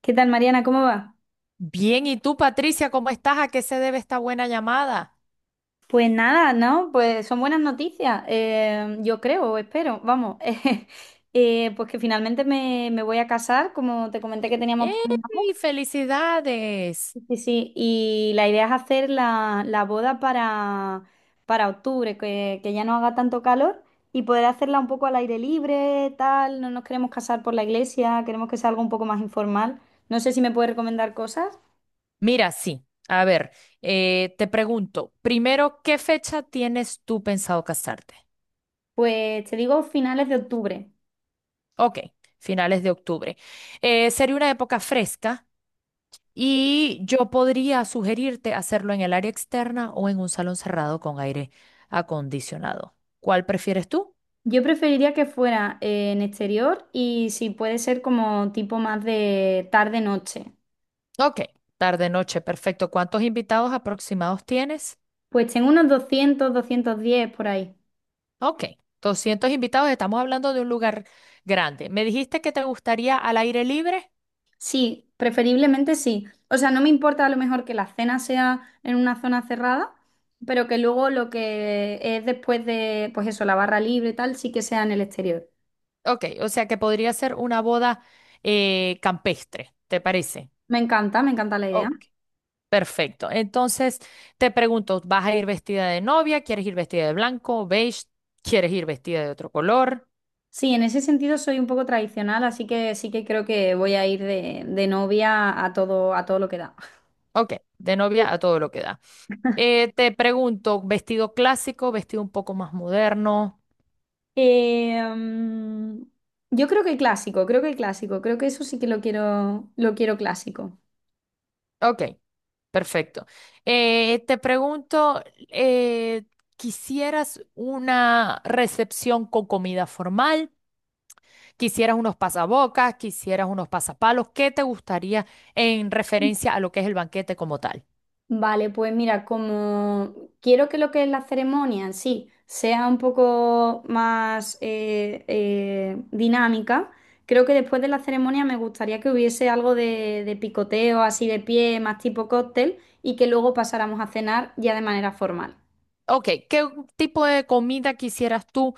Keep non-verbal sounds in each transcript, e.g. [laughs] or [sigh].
¿Qué tal, Mariana? ¿Cómo va? Bien, ¿y tú, Patricia, cómo estás? ¿A qué se debe esta buena llamada? Pues nada, ¿no? Pues son buenas noticias, yo creo, o espero, vamos. [laughs] Pues que finalmente me voy a casar, como te comenté que teníamos ¡Ey! planeado. ¡Felicidades! Sí, sí, sí, y la idea es hacer la boda para octubre, que ya no haga tanto calor y poder hacerla un poco al aire libre, tal. No nos queremos casar por la iglesia, queremos que sea algo un poco más informal. No sé si me puedes recomendar cosas. Mira, sí. A ver, te pregunto, primero, ¿qué fecha tienes tú pensado casarte? Pues te digo finales de octubre. Ok, finales de octubre. Sería una época fresca y yo podría sugerirte hacerlo en el área externa o en un salón cerrado con aire acondicionado. ¿Cuál prefieres tú? Yo preferiría que fuera en exterior y si puede ser como tipo más de tarde-noche. Ok, tarde-noche, perfecto. ¿Cuántos invitados aproximados tienes? Pues tengo unos 200, 210 por ahí. Ok, 200 invitados, estamos hablando de un lugar grande. ¿Me dijiste que te gustaría al aire libre? Sí, preferiblemente sí. O sea, no me importa a lo mejor que la cena sea en una zona cerrada, pero que luego lo que es después de, pues eso, la barra libre y tal, sí que sea en el exterior. Ok, o sea que podría ser una boda campestre, ¿te parece? Me encanta la idea. Ok, perfecto. Entonces, te pregunto, ¿vas a ir vestida de novia? ¿Quieres ir vestida de blanco, beige? ¿Quieres ir vestida de otro color? Sí, en ese sentido soy un poco tradicional, así que sí que creo que voy a ir de novia a todo lo que da. Ok, de novia a todo lo que da. Te pregunto, ¿vestido clásico, vestido un poco más moderno? Em, yo creo que clásico, creo que clásico, creo que eso sí que lo quiero clásico. Ok. Perfecto. Te pregunto, ¿quisieras una recepción con comida formal? ¿Quisieras unos pasabocas? ¿Quisieras unos pasapalos? ¿Qué te gustaría en referencia a lo que es el banquete como tal? Vale, pues mira, como quiero que lo que es la ceremonia en sí sea un poco más dinámica, creo que después de la ceremonia me gustaría que hubiese algo de picoteo así de pie, más tipo cóctel, y que luego pasáramos a cenar ya de manera formal. Ok, ¿qué tipo de comida quisieras tú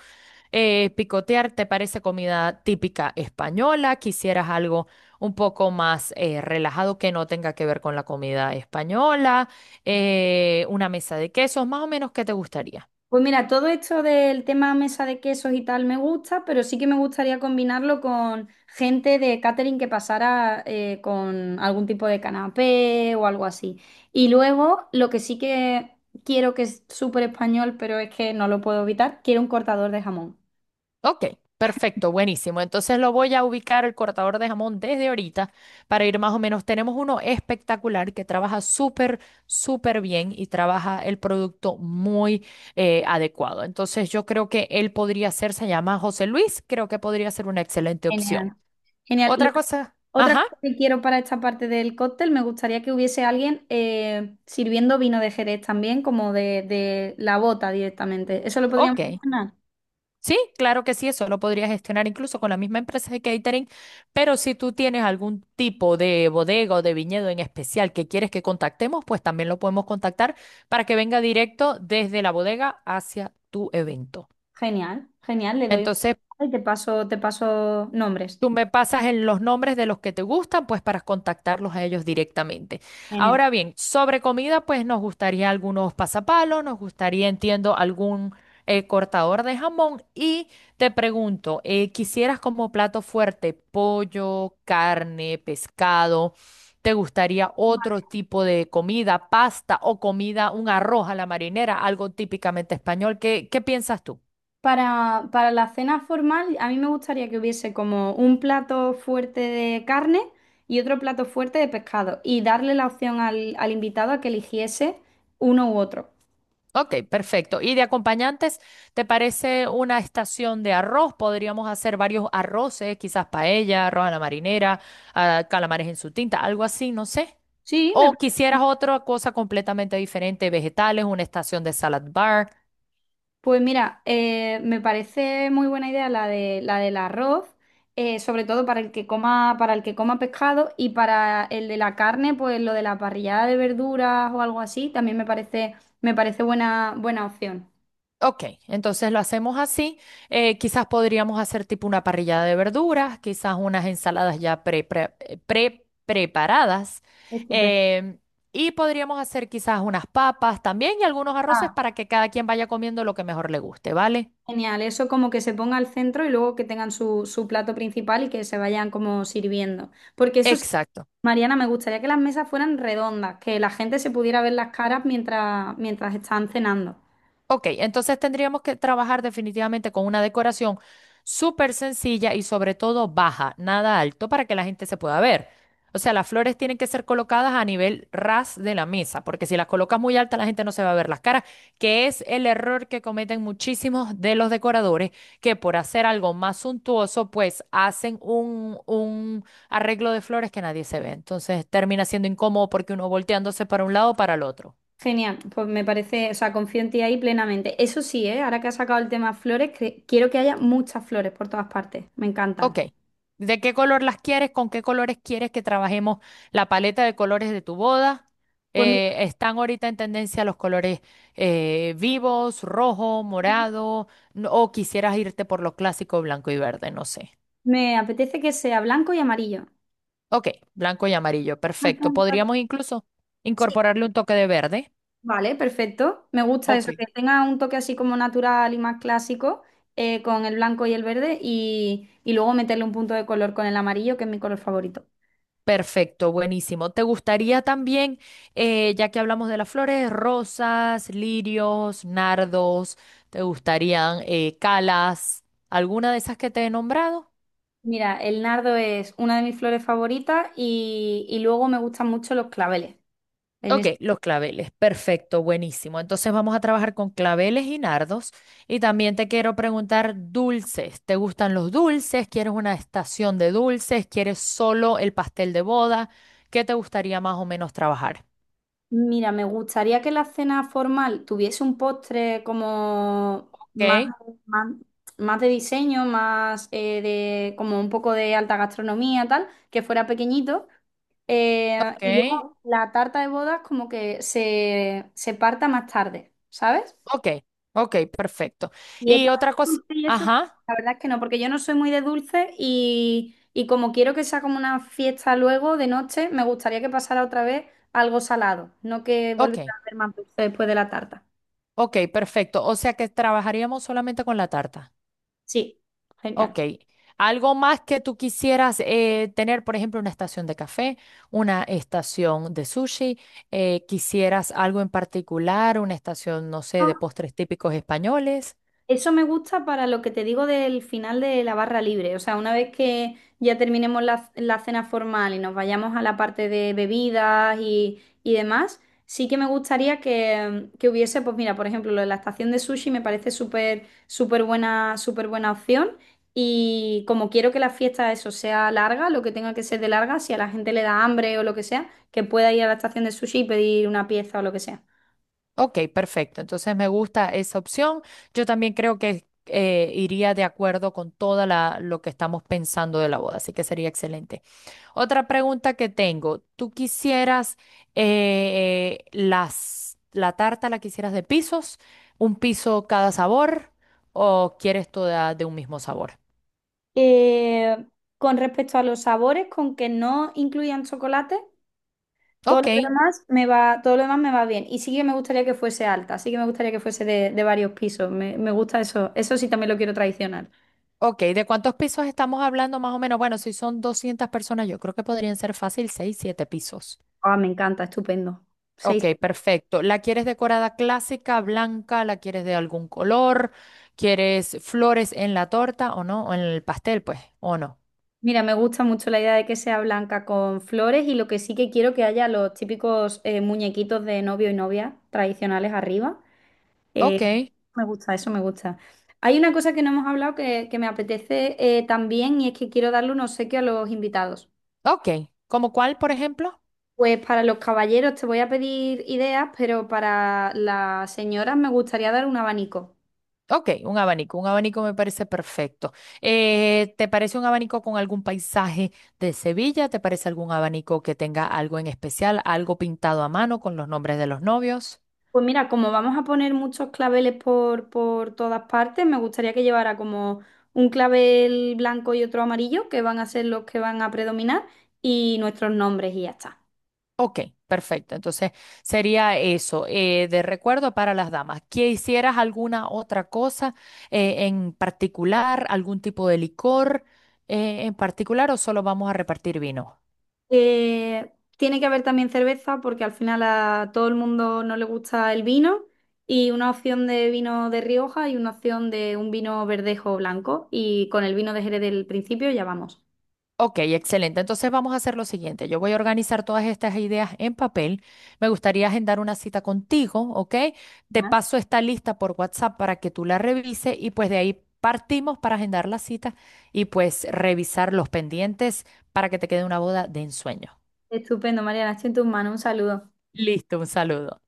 picotear? ¿Te parece comida típica española? ¿Quisieras algo un poco más relajado que no tenga que ver con la comida española? ¿Una mesa de quesos? Más o menos, ¿qué te gustaría? Pues mira, todo esto del tema mesa de quesos y tal me gusta, pero sí que me gustaría combinarlo con gente de catering que pasara con algún tipo de canapé o algo así. Y luego, lo que sí que quiero que es súper español, pero es que no lo puedo evitar, quiero un cortador de jamón. Ok, perfecto, buenísimo. Entonces lo voy a ubicar el cortador de jamón desde ahorita para ir más o menos. Tenemos uno espectacular que trabaja súper, súper bien y trabaja el producto muy adecuado. Entonces yo creo que él podría ser, se llama José Luis, creo que podría ser una excelente opción. Genial. Genial. Otra cosa, Otra ajá, cosa que quiero para esta parte del cóctel, me gustaría que hubiese alguien sirviendo vino de Jerez también, como de la bota directamente. ¿Eso lo podríamos hacer? ok. Sí, claro que sí, eso lo podrías gestionar incluso con la misma empresa de catering, pero si tú tienes algún tipo de bodega o de viñedo en especial que quieres que contactemos, pues también lo podemos contactar para que venga directo desde la bodega hacia tu evento. Genial, genial, le doy Entonces, una y te paso nombres. tú me pasas en los nombres de los que te gustan, pues para contactarlos a ellos directamente. Genial. Ahora bien, sobre comida, pues nos gustaría algunos pasapalos, nos gustaría, entiendo, algún cortador de jamón. Y te pregunto, ¿quisieras como plato fuerte pollo, carne, pescado? ¿Te gustaría otro tipo de comida, pasta o comida, un arroz a la marinera, algo típicamente español? ¿Qué, qué piensas tú? Para la cena formal, a mí me gustaría que hubiese como un plato fuerte de carne y otro plato fuerte de pescado y darle la opción al, al invitado a que eligiese uno u otro. Ok, perfecto. Y de acompañantes, ¿te parece una estación de arroz? Podríamos hacer varios arroces, quizás paella, arroz a la marinera, ah, calamares en su tinta, algo así, no sé. Sí, me. O quisieras otra cosa completamente diferente, vegetales, una estación de salad bar. Pues mira, me parece muy buena idea la de la del arroz, sobre todo para el que coma, para el que coma pescado y para el de la carne, pues lo de la parrillada de verduras o algo así, también me parece buena, buena opción. Ok, entonces lo hacemos así. Quizás podríamos hacer tipo una parrillada de verduras, quizás unas ensaladas ya preparadas. Estupendo. em, y podríamos hacer quizás unas papas también y algunos arroces Ah, para que cada quien vaya comiendo lo que mejor le guste, ¿vale? genial. Eso como que se ponga al centro y luego que tengan su, su plato principal y que se vayan como sirviendo. Porque eso sí, Exacto. Mariana, me gustaría que las mesas fueran redondas, que la gente se pudiera ver las caras mientras, mientras están cenando. Ok, entonces tendríamos que trabajar definitivamente con una decoración súper sencilla y sobre todo baja, nada alto, para que la gente se pueda ver. O sea, las flores tienen que ser colocadas a nivel ras de la mesa, porque si las colocas muy alta, la gente no se va a ver las caras, que es el error que cometen muchísimos de los decoradores, que por hacer algo más suntuoso, pues hacen un arreglo de flores que nadie se ve. Entonces termina siendo incómodo porque uno volteándose para un lado o para el otro. Genial, pues me parece, o sea, confío en ti ahí plenamente. Eso sí, ¿eh? Ahora que has sacado el tema flores, quiero que haya muchas flores por todas partes. Me encantan. Ok. ¿De qué color las quieres? ¿Con qué colores quieres que trabajemos la paleta de colores de tu boda? Pues mira, Están ahorita en tendencia los colores vivos, rojo, morado, o quisieras irte por lo clásico blanco y verde, no sé. me apetece que sea blanco y amarillo. Ok, blanco y amarillo, Al perfecto. punto. Podríamos incluso Sí. incorporarle un toque de verde. Vale, perfecto. Me gusta Ok. eso, que tenga un toque así como natural y más clásico con el blanco y el verde y luego meterle un punto de color con el amarillo, que es mi color favorito. Perfecto, buenísimo. ¿Te gustaría también, ya que hablamos de las flores, rosas, lirios, nardos, te gustarían calas, alguna de esas que te he nombrado? Mira, el nardo es una de mis flores favoritas y luego me gustan mucho los claveles. Ok, los claveles, perfecto, buenísimo. Entonces vamos a trabajar con claveles y nardos. Y también te quiero preguntar dulces. ¿Te gustan los dulces? ¿Quieres una estación de dulces? ¿Quieres solo el pastel de boda? ¿Qué te gustaría más o menos trabajar? Mira, me gustaría que la cena formal tuviese un postre como Ok, más, más, más de diseño, más de como un poco de alta gastronomía, tal, que fuera pequeñito. Y ok. luego la tarta de bodas como que se parta más tarde, ¿sabes? Ok, ok, perfecto. Y Dietas otra cosa, dulces y eso, ajá, la verdad es que no, porque yo no soy muy de dulce y como quiero que sea como una fiesta luego de noche, me gustaría que pasara otra vez algo salado, no que ok, volviera a ver más dulce después de la tarta. ok, perfecto. O sea que trabajaríamos solamente con la tarta. Sí, genial. Ok. ¿Algo más que tú quisieras tener, por ejemplo, una estación de café, una estación de sushi? ¿Quisieras algo en particular, una estación, no sé, de postres típicos españoles? Eso me gusta para lo que te digo del final de la barra libre. O sea, una vez que ya terminemos la, la cena formal y nos vayamos a la parte de bebidas y demás, sí que me gustaría que hubiese, pues mira, por ejemplo, lo de la estación de sushi me parece súper, súper buena opción. Y como quiero que la fiesta eso sea larga, lo que tenga que ser de larga, si a la gente le da hambre o lo que sea, que pueda ir a la estación de sushi y pedir una pieza o lo que sea. Ok, perfecto. Entonces me gusta esa opción. Yo también creo que iría de acuerdo con toda la, lo que estamos pensando de la boda, así que sería excelente. Otra pregunta que tengo, ¿tú quisieras la tarta la quisieras de pisos, un piso cada sabor o quieres toda de un mismo sabor? Eh, con respecto a los sabores, con que no incluyan chocolate, todo Ok, lo demás me va, todo lo demás me va bien. Y sí que me gustaría que fuese alta, sí que me gustaría que fuese de varios pisos. Me gusta eso. Eso sí también lo quiero tradicional. ok, ¿de cuántos pisos estamos hablando más o menos? Bueno, si son 200 personas, yo creo que podrían ser fácil 6, 7 pisos. Ah, me encanta, estupendo. 6. Ok, perfecto. ¿La quieres decorada clásica, blanca? ¿La quieres de algún color? ¿Quieres flores en la torta o no? ¿O en el pastel, pues? ¿O no? Mira, me gusta mucho la idea de que sea blanca con flores y lo que sí que quiero que haya los típicos muñequitos de novio y novia tradicionales arriba. Eh, Ok. me gusta, eso me gusta. Hay una cosa que no hemos hablado que me apetece también y es que quiero darle un obsequio a los invitados. Ok, ¿como cuál, por ejemplo? Pues para los caballeros te voy a pedir ideas, pero para las señoras me gustaría dar un abanico. Ok, un abanico me parece perfecto. ¿Te parece un abanico con algún paisaje de Sevilla? ¿Te parece algún abanico que tenga algo en especial, algo pintado a mano con los nombres de los novios? Pues mira, como vamos a poner muchos claveles por todas partes, me gustaría que llevara como un clavel blanco y otro amarillo, que van a ser los que van a predominar, y nuestros nombres y ya está. Ok, perfecto. Entonces sería eso, de recuerdo para las damas. ¿Quisieras alguna otra cosa en particular, algún tipo de licor en particular o solo vamos a repartir vino? Eh, tiene que haber también cerveza porque al final a todo el mundo no le gusta el vino y una opción de vino de Rioja y una opción de un vino verdejo o blanco y con el vino de Jerez del principio ya vamos. Ok, excelente. Entonces vamos a hacer lo siguiente. Yo voy a organizar todas estas ideas en papel. Me gustaría agendar una cita contigo, ¿ok? Te Ah. paso esta lista por WhatsApp para que tú la revises y pues de ahí partimos para agendar la cita y pues revisar los pendientes para que te quede una boda de ensueño. Estupendo, Mariana, estoy en tus manos, un saludo. Listo, un saludo.